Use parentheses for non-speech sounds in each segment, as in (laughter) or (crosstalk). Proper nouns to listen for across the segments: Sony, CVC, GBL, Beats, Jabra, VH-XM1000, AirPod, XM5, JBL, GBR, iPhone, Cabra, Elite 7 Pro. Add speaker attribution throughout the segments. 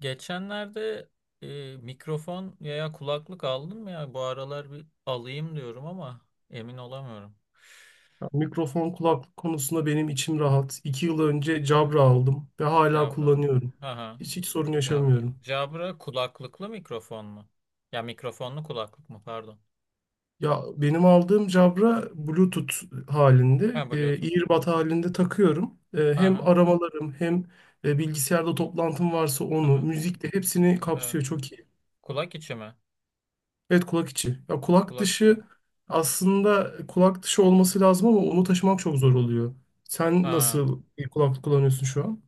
Speaker 1: Geçenlerde mikrofon veya kulaklık aldım ya, bu aralar bir alayım diyorum ama emin olamıyorum.
Speaker 2: Ya, mikrofon kulaklık konusunda benim içim rahat. 2 yıl önce
Speaker 1: Evet,
Speaker 2: Jabra aldım ve hala
Speaker 1: Cabra.
Speaker 2: kullanıyorum.
Speaker 1: Aha,
Speaker 2: Hiç sorun
Speaker 1: Cabra.
Speaker 2: yaşamıyorum.
Speaker 1: Cabra kulaklıklı mikrofon mu? Ya, mikrofonlu kulaklık mı pardon.
Speaker 2: Ya benim aldığım Jabra Bluetooth
Speaker 1: Ha,
Speaker 2: halinde,
Speaker 1: Bluetooth.
Speaker 2: earbud halinde takıyorum. Hem
Speaker 1: Aha,
Speaker 2: aramalarım hem bilgisayarda toplantım varsa onu,
Speaker 1: aha.
Speaker 2: müzikle hepsini
Speaker 1: Evet.
Speaker 2: kapsıyor. Çok iyi.
Speaker 1: Kulak içi mi?
Speaker 2: Evet, kulak içi. Ya kulak
Speaker 1: Kulak içi.
Speaker 2: dışı aslında kulak dışı olması lazım ama onu taşımak çok zor oluyor. Sen
Speaker 1: Ha.
Speaker 2: nasıl bir kulaklık kullanıyorsun şu an?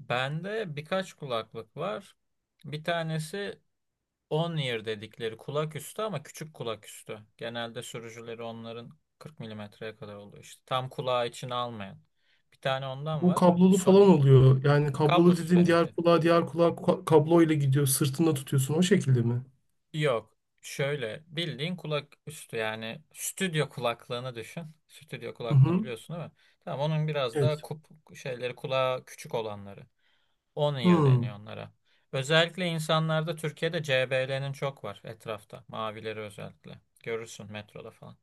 Speaker 1: Bende birkaç kulaklık var. Bir tanesi on ear dedikleri, kulak üstü ama küçük kulak üstü. Genelde sürücüleri onların 40 mm'ye kadar oluyor işte. Tam kulağı içine almayan. Bir tane ondan
Speaker 2: Bu
Speaker 1: var.
Speaker 2: kablolu falan
Speaker 1: Sony.
Speaker 2: oluyor. Yani kablolu
Speaker 1: Kablosuz
Speaker 2: dediğin
Speaker 1: benimki.
Speaker 2: diğer kulağa kablo ile gidiyor. Sırtında tutuyorsun o şekilde mi?
Speaker 1: Yok. Şöyle bildiğin kulak üstü, yani stüdyo kulaklığını düşün. Stüdyo
Speaker 2: Hı
Speaker 1: kulaklığını
Speaker 2: hı.
Speaker 1: biliyorsun, değil mi? Tamam, onun biraz daha
Speaker 2: Evet.
Speaker 1: şeyleri, kulağı küçük olanları. On ear
Speaker 2: Hı.
Speaker 1: deniyor onlara. Özellikle insanlarda Türkiye'de CBL'nin çok var etrafta. Mavileri özellikle. Görürsün metroda falan.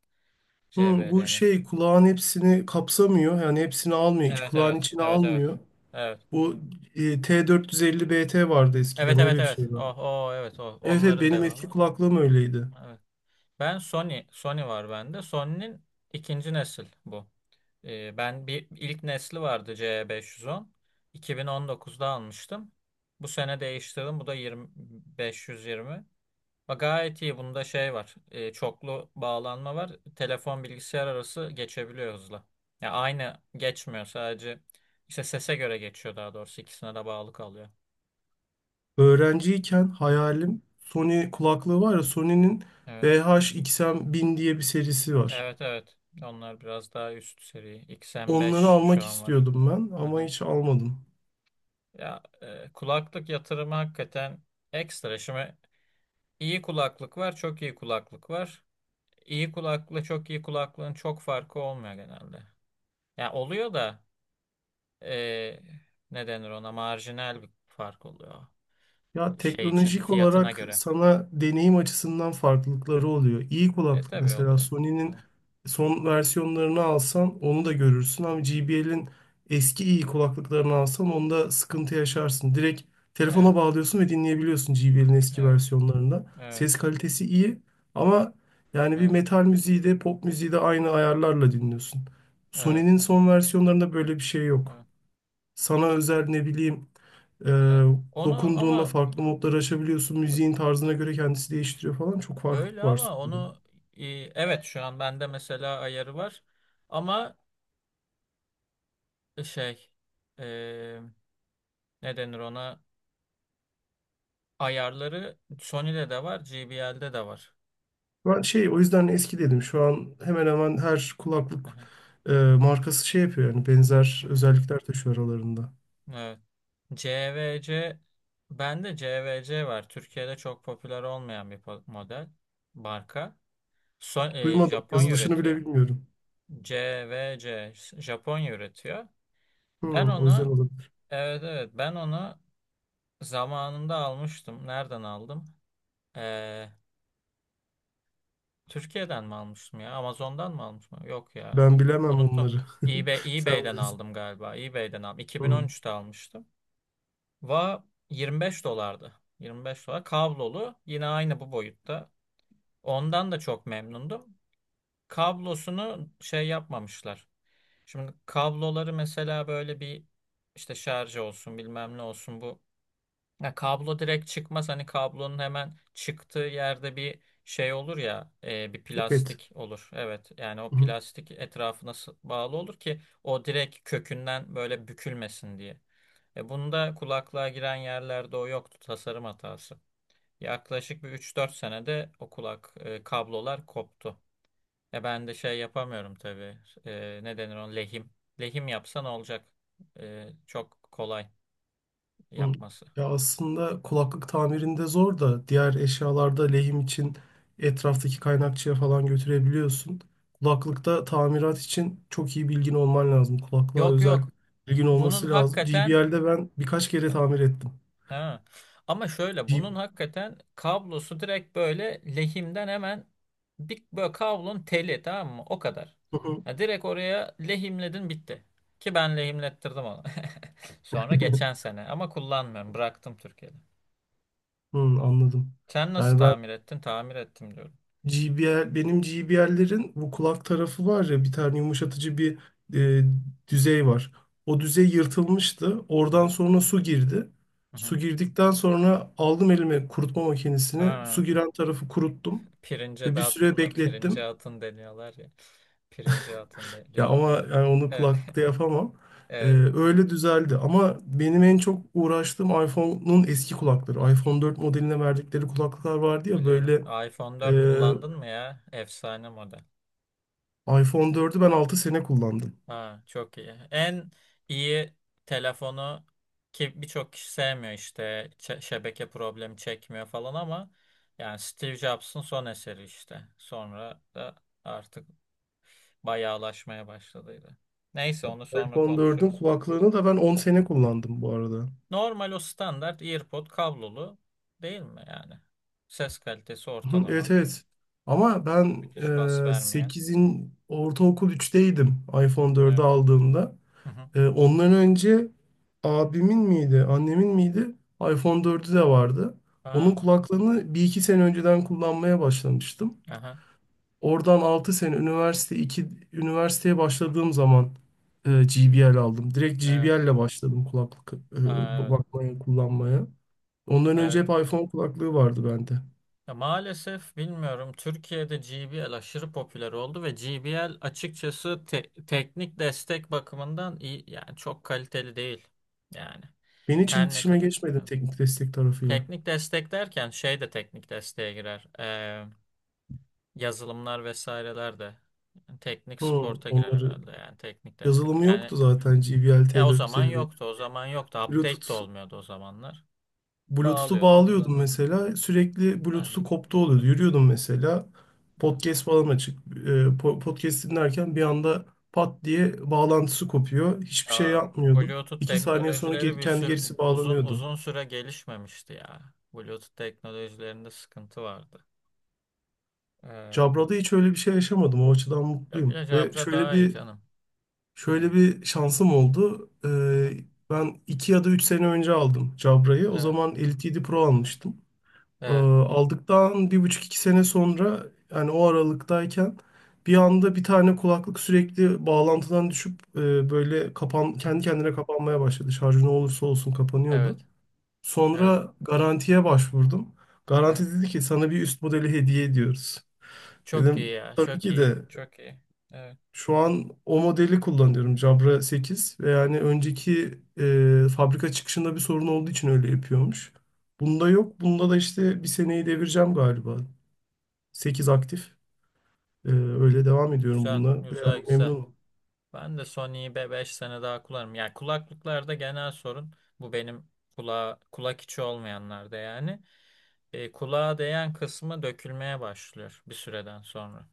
Speaker 2: Hı, bu
Speaker 1: JBL'nin.
Speaker 2: şey kulağın hepsini kapsamıyor. Yani hepsini almıyor.
Speaker 1: Evet,
Speaker 2: Kulağın
Speaker 1: evet,
Speaker 2: içine
Speaker 1: evet, evet.
Speaker 2: almıyor.
Speaker 1: Evet.
Speaker 2: Bu T450 BT vardı,
Speaker 1: Evet,
Speaker 2: eskiden öyle
Speaker 1: evet,
Speaker 2: bir
Speaker 1: evet.
Speaker 2: şey vardı.
Speaker 1: Oh, oh, evet, o
Speaker 2: Evet evet,
Speaker 1: onların
Speaker 2: benim eski
Speaker 1: devamı.
Speaker 2: kulaklığım öyleydi.
Speaker 1: Evet. Ben, Sony var bende. Sony'nin ikinci nesil bu. Ben bir ilk nesli vardı, C510. 2019'da almıştım. Bu sene değiştirdim. Bu da 20, 520. Bak, gayet iyi. Bunda şey var. Çoklu bağlanma var. Telefon bilgisayar arası geçebiliyor hızla. Ya, aynı geçmiyor sadece. İşte sese göre geçiyor daha doğrusu. İkisine de bağlı kalıyor.
Speaker 2: Öğrenciyken hayalim Sony kulaklığı var ya, Sony'nin
Speaker 1: Evet.
Speaker 2: VH-XM1000 diye bir serisi var.
Speaker 1: Evet, evet. Onlar biraz daha üst seri.
Speaker 2: Onları
Speaker 1: XM5 şu
Speaker 2: almak
Speaker 1: an var.
Speaker 2: istiyordum ben ama
Speaker 1: Aha.
Speaker 2: hiç almadım.
Speaker 1: Ya, kulaklık yatırımı hakikaten ekstra. Şimdi iyi kulaklık var, çok iyi kulaklık var. İyi kulaklıkla çok iyi kulaklığın çok farkı olmuyor genelde. Ya, oluyor da e, ne denir ona, marjinal bir fark oluyor
Speaker 2: Ya
Speaker 1: şey için,
Speaker 2: teknolojik
Speaker 1: fiyatına
Speaker 2: olarak
Speaker 1: göre.
Speaker 2: sana deneyim açısından farklılıkları oluyor. İyi kulaklık,
Speaker 1: Tabii
Speaker 2: mesela
Speaker 1: oluyor.
Speaker 2: Sony'nin
Speaker 1: Evet.
Speaker 2: son versiyonlarını alsan onu da
Speaker 1: Hı hı.
Speaker 2: görürsün ama JBL'in eski iyi kulaklıklarını alsan onda sıkıntı yaşarsın. Direkt
Speaker 1: Evet,
Speaker 2: telefona bağlıyorsun ve dinleyebiliyorsun JBL'in eski
Speaker 1: evet,
Speaker 2: versiyonlarında.
Speaker 1: evet,
Speaker 2: Ses kalitesi iyi ama yani bir
Speaker 1: evet,
Speaker 2: metal müziği de pop müziği de aynı ayarlarla dinliyorsun.
Speaker 1: evet,
Speaker 2: Sony'nin son versiyonlarında böyle bir şey yok.
Speaker 1: evet,
Speaker 2: Sana özel, ne bileyim, ee,
Speaker 1: evet. Onu
Speaker 2: dokunduğunda
Speaker 1: ama
Speaker 2: farklı modları açabiliyorsun. Müziğin tarzına göre kendisi değiştiriyor falan. Çok farklılık
Speaker 1: böyle,
Speaker 2: var
Speaker 1: ama
Speaker 2: sonunda.
Speaker 1: onu e, evet, şu an bende mesela ayarı var ama şey, e, ne denir ona, ayarları Sony'de de var, JBL'de de var.
Speaker 2: Ben şey, o yüzden eski dedim. Şu an hemen hemen her
Speaker 1: Hı
Speaker 2: kulaklık
Speaker 1: hı,
Speaker 2: markası şey yapıyor, yani
Speaker 1: hı
Speaker 2: benzer
Speaker 1: hı.
Speaker 2: özellikler taşıyor aralarında.
Speaker 1: Evet. CVC, bende CVC var. Türkiye'de çok popüler olmayan bir model, marka.
Speaker 2: Duymadım.
Speaker 1: Japonya
Speaker 2: Yazılışını bile
Speaker 1: üretiyor.
Speaker 2: bilmiyorum.
Speaker 1: CVC Japonya üretiyor. Ben
Speaker 2: Hmm, o yüzden
Speaker 1: onu,
Speaker 2: olabilir.
Speaker 1: evet, evet, ben onu zamanında almıştım. Nereden aldım? Ee, Türkiye'den mi almıştım ya? Amazon'dan mı almıştım? Yok ya.
Speaker 2: Ben bilemem
Speaker 1: Unuttum.
Speaker 2: onları. (laughs)
Speaker 1: eBay,
Speaker 2: Sen
Speaker 1: eBay'den
Speaker 2: bilirsin.
Speaker 1: aldım galiba. eBay'den aldım.
Speaker 2: Hmm,
Speaker 1: 2013'te almıştım. Va 25 dolardı. 25 dolar. Kablolu. Yine aynı bu boyutta. Ondan da çok memnundum. Kablosunu şey yapmamışlar. Şimdi kabloları mesela böyle bir, işte şarj olsun, bilmem ne olsun bu. Ya, kablo direkt çıkmaz. Hani kablonun hemen çıktığı yerde bir şey olur ya, bir
Speaker 2: evet.
Speaker 1: plastik olur. Evet yani o plastik etrafına bağlı olur ki o direkt kökünden böyle bükülmesin diye. Bunda kulaklığa giren yerlerde o yoktu, tasarım hatası. Yaklaşık bir 3-4 senede o kulak, kablolar koptu. Ben de şey yapamıyorum tabii. Ne denir on lehim. Lehim yapsan olacak. Çok kolay
Speaker 2: Hı.
Speaker 1: yapması.
Speaker 2: Ya aslında kulaklık tamirinde zor da, diğer eşyalarda lehim için etraftaki kaynakçıya falan götürebiliyorsun. Kulaklıkta tamirat için çok iyi bilgin olman lazım. Kulaklığa
Speaker 1: Yok,
Speaker 2: özel
Speaker 1: yok.
Speaker 2: bilgin
Speaker 1: Bunun
Speaker 2: olması lazım.
Speaker 1: hakikaten,
Speaker 2: GBL'de ben birkaç kere
Speaker 1: e,
Speaker 2: tamir ettim.
Speaker 1: ha. Ama şöyle,
Speaker 2: G-
Speaker 1: bunun hakikaten kablosu direkt böyle lehimden hemen bir, böyle kablonun teli, tamam mı? O kadar. Ya, direkt oraya lehimledin, bitti. Ki ben lehimlettirdim onu. (laughs) Sonra geçen
Speaker 2: (laughs)
Speaker 1: sene ama kullanmıyorum. Bıraktım Türkiye'de.
Speaker 2: Hı, anladım.
Speaker 1: Sen nasıl
Speaker 2: Yani ben
Speaker 1: tamir ettin? Tamir ettim diyorum.
Speaker 2: G B R benim G B GBR'lerin bu kulak tarafı var ya, bir tane yumuşatıcı bir e, düzey var. O düzey yırtılmıştı.
Speaker 1: Hı
Speaker 2: Oradan
Speaker 1: hı.
Speaker 2: sonra su girdi.
Speaker 1: Hı hı.
Speaker 2: Su girdikten sonra aldım elime kurutma makinesini.
Speaker 1: Ha,
Speaker 2: Su giren tarafı kuruttum
Speaker 1: pirince
Speaker 2: ve bir
Speaker 1: dağıttın
Speaker 2: süre
Speaker 1: mı? Pirince
Speaker 2: beklettim.
Speaker 1: atın deniyorlar ya. Pirince atın de
Speaker 2: Ya
Speaker 1: diyorlar,
Speaker 2: ama
Speaker 1: evet.
Speaker 2: yani onu
Speaker 1: Evet.
Speaker 2: kulaklıkta yapamam.
Speaker 1: (laughs)
Speaker 2: Öyle düzeldi. Ama benim
Speaker 1: Evet.
Speaker 2: en çok uğraştığım iPhone'un eski kulakları. iPhone 4 modeline verdikleri kulaklıklar vardı ya,
Speaker 1: Biliyorum.
Speaker 2: böyle,
Speaker 1: iPhone
Speaker 2: e,
Speaker 1: dört kullandın mı ya? Efsane model.
Speaker 2: iPhone 4'ü ben 6 sene kullandım.
Speaker 1: Ha, çok iyi. En iyi telefonu, ki birçok kişi sevmiyor işte, şebeke problemi çekmiyor falan ama yani Steve Jobs'ın son eseri işte. Sonra da artık bayağılaşmaya başladıydı. Neyse, onu sonra
Speaker 2: iPhone 4'ün
Speaker 1: konuşuruz.
Speaker 2: kulaklığını da ben 10 sene
Speaker 1: Hı hı.
Speaker 2: kullandım bu arada.
Speaker 1: Normal o standart AirPod kablolu, değil mi yani? Ses kalitesi
Speaker 2: Hı, evet
Speaker 1: ortalama.
Speaker 2: evet. Ama ben
Speaker 1: Müthiş bas vermeyen.
Speaker 2: 8'in, ortaokul üçteydim iPhone 4'ü
Speaker 1: Evet.
Speaker 2: aldığımda.
Speaker 1: Hı hı.
Speaker 2: Ondan önce abimin miydi, annemin miydi? iPhone 4'ü de vardı. Onun
Speaker 1: Ha,
Speaker 2: kulaklığını bir iki sene önceden kullanmaya başlamıştım.
Speaker 1: aha.
Speaker 2: Oradan 6 sene üniversite, 2 üniversiteye başladığım zaman GBL aldım. Direkt
Speaker 1: Evet,
Speaker 2: GBL ile başladım kulaklık,
Speaker 1: evet,
Speaker 2: bakmaya, kullanmaya. Ondan önce
Speaker 1: evet.
Speaker 2: hep iPhone kulaklığı vardı bende.
Speaker 1: Ya, maalesef bilmiyorum, Türkiye'de GBL aşırı popüler oldu ve GBL açıkçası teknik destek bakımından iyi yani çok kaliteli değil. Yani
Speaker 2: Ben hiç
Speaker 1: her ne
Speaker 2: iletişime
Speaker 1: kadar.
Speaker 2: geçmedim
Speaker 1: Evet.
Speaker 2: teknik destek tarafıyla.
Speaker 1: Teknik destek derken şey de teknik desteğe girer. Yazılımlar vesaireler de, yani teknik
Speaker 2: Hı,
Speaker 1: sporta girer
Speaker 2: onları,
Speaker 1: herhalde yani teknik destek.
Speaker 2: yazılımı
Speaker 1: Yani
Speaker 2: yoktu zaten GBL
Speaker 1: ya, o zaman
Speaker 2: T450.
Speaker 1: yoktu, o zaman yoktu, update
Speaker 2: Bluetooth
Speaker 1: de olmuyordu o zamanlar.
Speaker 2: Bluetooth'u
Speaker 1: Bağlıyordun,
Speaker 2: bağlıyordum
Speaker 1: kullanıyordun.
Speaker 2: mesela.
Speaker 1: Yani
Speaker 2: Sürekli Bluetooth'u
Speaker 1: dandik
Speaker 2: koptu oluyordu.
Speaker 1: buluyordu.
Speaker 2: Yürüyordum mesela. Podcast falan açık. E, podcast dinlerken bir anda pat diye bağlantısı kopuyor. Hiçbir şey
Speaker 1: Ya,
Speaker 2: yapmıyordum.
Speaker 1: Bluetooth
Speaker 2: 2 saniye sonra
Speaker 1: teknolojileri
Speaker 2: geri,
Speaker 1: bir
Speaker 2: kendi
Speaker 1: sürü,
Speaker 2: gerisi
Speaker 1: uzun
Speaker 2: bağlanıyordu.
Speaker 1: uzun süre gelişmemişti ya. Bluetooth teknolojilerinde sıkıntı vardı. Ee,
Speaker 2: Cabra'da hiç öyle bir şey yaşamadım. O açıdan
Speaker 1: ya
Speaker 2: mutluyum.
Speaker 1: ya
Speaker 2: Ve
Speaker 1: Jabra
Speaker 2: şöyle
Speaker 1: daha iyi
Speaker 2: bir
Speaker 1: canım. Evet.
Speaker 2: şöyle bir şansım oldu.
Speaker 1: Aha.
Speaker 2: Ben iki ya da üç sene önce aldım Cabra'yı. O
Speaker 1: Evet.
Speaker 2: zaman Elite 7 Pro
Speaker 1: Aha.
Speaker 2: almıştım.
Speaker 1: Evet.
Speaker 2: Aldıktan bir buçuk iki sene sonra, yani o aralıktayken, bir anda bir tane kulaklık sürekli bağlantıdan düşüp, böyle kapan, kendi
Speaker 1: Hı-hı.
Speaker 2: kendine kapanmaya başladı. Şarjı ne olursa olsun kapanıyordu.
Speaker 1: Evet. Evet.
Speaker 2: Sonra garantiye başvurdum.
Speaker 1: Evet.
Speaker 2: Garanti dedi ki sana bir üst modeli hediye ediyoruz.
Speaker 1: Çok iyi
Speaker 2: Dedim
Speaker 1: ya.
Speaker 2: tabii
Speaker 1: Çok
Speaker 2: ki
Speaker 1: iyi.
Speaker 2: de,
Speaker 1: Çok iyi. Evet.
Speaker 2: şu an o modeli kullanıyorum, Jabra sekiz, ve yani önceki, fabrika çıkışında bir sorun olduğu için öyle yapıyormuş. Bunda yok. Bunda da işte bir seneyi devireceğim galiba. 8 aktif. Öyle devam ediyorum
Speaker 1: Güzel.
Speaker 2: bununla.
Speaker 1: Güzel,
Speaker 2: Yani
Speaker 1: güzel.
Speaker 2: memnunum.
Speaker 1: Ben de Sony'yi 5 sene daha kullanırım. Yani kulaklıklarda genel sorun bu benim, kulağa, kulak içi olmayanlarda yani. Kulağa değen kısmı dökülmeye başlıyor bir süreden sonra.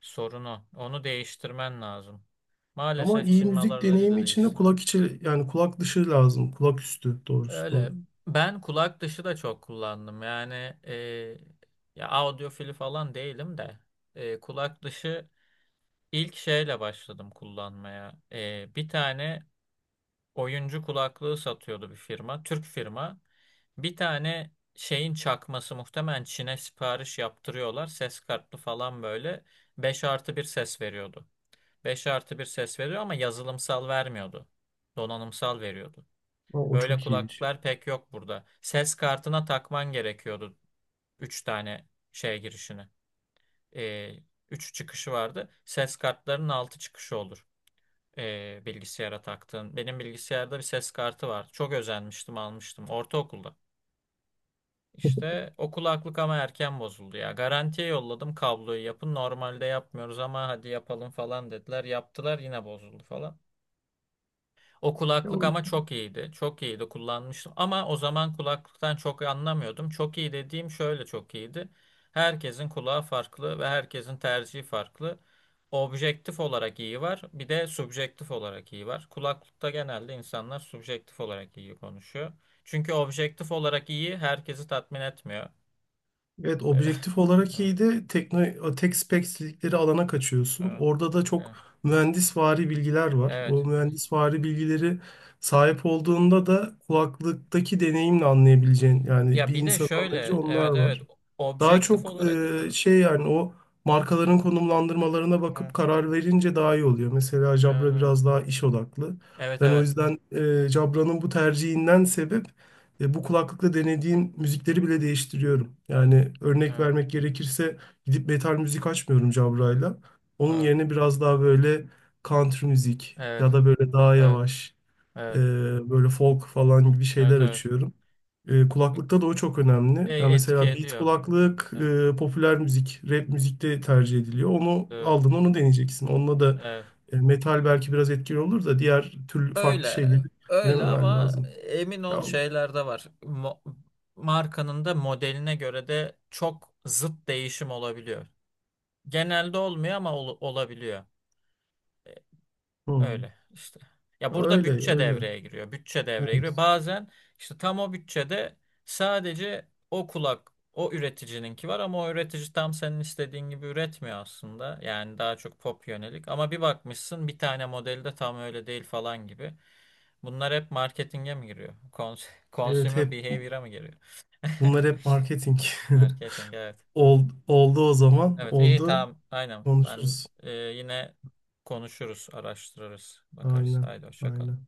Speaker 1: Sorun o. Onu değiştirmen lazım.
Speaker 2: Ama
Speaker 1: Maalesef
Speaker 2: iyi
Speaker 1: Çin
Speaker 2: müzik
Speaker 1: malarlarıyla
Speaker 2: deneyimi için de
Speaker 1: değiştiremem.
Speaker 2: kulak içi, yani kulak dışı lazım. Kulak üstü doğrusu.
Speaker 1: Öyle. Ben kulak dışı da çok kullandım. Yani, e, ya, audiofili falan değilim de kulak dışı, ilk şeyle başladım kullanmaya. Bir tane oyuncu kulaklığı satıyordu bir firma. Türk firma. Bir tane şeyin çakması, muhtemelen Çin'e sipariş yaptırıyorlar. Ses kartlı falan, böyle 5 artı bir ses veriyordu. 5 artı bir ses veriyor ama yazılımsal vermiyordu. Donanımsal veriyordu.
Speaker 2: Ama o
Speaker 1: Öyle
Speaker 2: çok iyi bir şey.
Speaker 1: kulaklıklar pek yok burada. Ses kartına takman gerekiyordu 3 tane şey girişini. Ee, 3 çıkışı vardı. Ses kartlarının 6 çıkışı olur, bilgisayara taktığım. Benim bilgisayarda bir ses kartı vardı. Çok özenmiştim, almıştım ortaokulda.
Speaker 2: (laughs)
Speaker 1: İşte o kulaklık ama erken bozuldu ya. Garantiye yolladım, kabloyu yapın. Normalde yapmıyoruz ama hadi yapalım falan dediler. Yaptılar, yine bozuldu falan. O
Speaker 2: Ya
Speaker 1: kulaklık
Speaker 2: o-
Speaker 1: ama çok iyiydi. Çok iyiydi, kullanmıştım. Ama o zaman kulaklıktan çok anlamıyordum. Çok iyi dediğim şöyle çok iyiydi. Herkesin kulağı farklı ve herkesin tercihi farklı. Objektif olarak iyi var. Bir de subjektif olarak iyi var. Kulaklıkta genelde insanlar subjektif olarak iyi konuşuyor. Çünkü objektif olarak iyi herkesi tatmin etmiyor.
Speaker 2: Evet,
Speaker 1: (laughs)
Speaker 2: objektif olarak
Speaker 1: Evet,
Speaker 2: iyiydi. Tekno, tek spek dedikleri alana kaçıyorsun.
Speaker 1: evet,
Speaker 2: Orada da çok
Speaker 1: evet.
Speaker 2: mühendisvari bilgiler var. O
Speaker 1: Evet.
Speaker 2: mühendisvari bilgileri sahip olduğunda da kulaklıktaki deneyimle anlayabileceğin, yani
Speaker 1: Ya
Speaker 2: bir
Speaker 1: bir de
Speaker 2: insanın
Speaker 1: şöyle,
Speaker 2: anlayabileceği onlar
Speaker 1: evet, evet,
Speaker 2: var. Daha
Speaker 1: objektif
Speaker 2: çok
Speaker 1: olarak, evet,
Speaker 2: şey, yani o markaların konumlandırmalarına
Speaker 1: evet.
Speaker 2: bakıp karar verince daha iyi oluyor. Mesela Jabra
Speaker 1: Aha.
Speaker 2: biraz daha iş odaklı.
Speaker 1: Evet,
Speaker 2: Ben o
Speaker 1: evet.
Speaker 2: yüzden Jabra'nın bu tercihinden sebep bu kulaklıkla denediğim müzikleri bile değiştiriyorum. Yani örnek
Speaker 1: Evet.
Speaker 2: vermek gerekirse gidip metal müzik açmıyorum
Speaker 1: Evet,
Speaker 2: Jabra'yla. Onun
Speaker 1: evet,
Speaker 2: yerine biraz daha böyle country müzik,
Speaker 1: evet,
Speaker 2: ya da böyle daha
Speaker 1: evet,
Speaker 2: yavaş. Ee, Böyle folk falan gibi
Speaker 1: evet, evet.
Speaker 2: şeyler
Speaker 1: Evet.
Speaker 2: açıyorum.
Speaker 1: K-
Speaker 2: Kulaklıkta da o çok
Speaker 1: k-
Speaker 2: önemli. Yani
Speaker 1: Etki
Speaker 2: mesela beat
Speaker 1: ediyor.
Speaker 2: kulaklık
Speaker 1: Evet,
Speaker 2: popüler müzik, rap müzikte tercih ediliyor. Onu
Speaker 1: evet,
Speaker 2: aldın, onu deneyeceksin. Onunla da
Speaker 1: evet.
Speaker 2: metal belki biraz etkili olur da, diğer türlü farklı
Speaker 1: Öyle,
Speaker 2: şeyleri
Speaker 1: öyle
Speaker 2: denememen
Speaker 1: ama
Speaker 2: lazım.
Speaker 1: emin ol
Speaker 2: Ya,
Speaker 1: şeyler de var. Markanın da modeline göre de çok zıt değişim olabiliyor. Genelde olmuyor ama olabiliyor.
Speaker 2: hı,
Speaker 1: Öyle işte. Ya, burada
Speaker 2: öyle
Speaker 1: bütçe
Speaker 2: öyle.
Speaker 1: devreye giriyor. Bütçe devreye
Speaker 2: Evet.
Speaker 1: giriyor. Bazen işte tam o bütçede sadece o kulak, o üreticininki var ama o üretici tam senin istediğin gibi üretmiyor aslında. Yani daha çok pop yönelik. Ama bir bakmışsın, bir tane modeli de tam öyle değil falan gibi. Bunlar hep marketinge mi giriyor? (laughs)
Speaker 2: Evet
Speaker 1: Consumer
Speaker 2: hep
Speaker 1: behavior'a mı giriyor? (laughs)
Speaker 2: bunlar hep marketing.
Speaker 1: Marketing, evet.
Speaker 2: (laughs) Oldu o zaman.
Speaker 1: Evet, iyi,
Speaker 2: Oldu.
Speaker 1: tamam aynen. Ben,
Speaker 2: Konuşuruz.
Speaker 1: yine konuşuruz, araştırırız, bakarız.
Speaker 2: Aynen.
Speaker 1: Haydi hoşça kal.
Speaker 2: Aynen.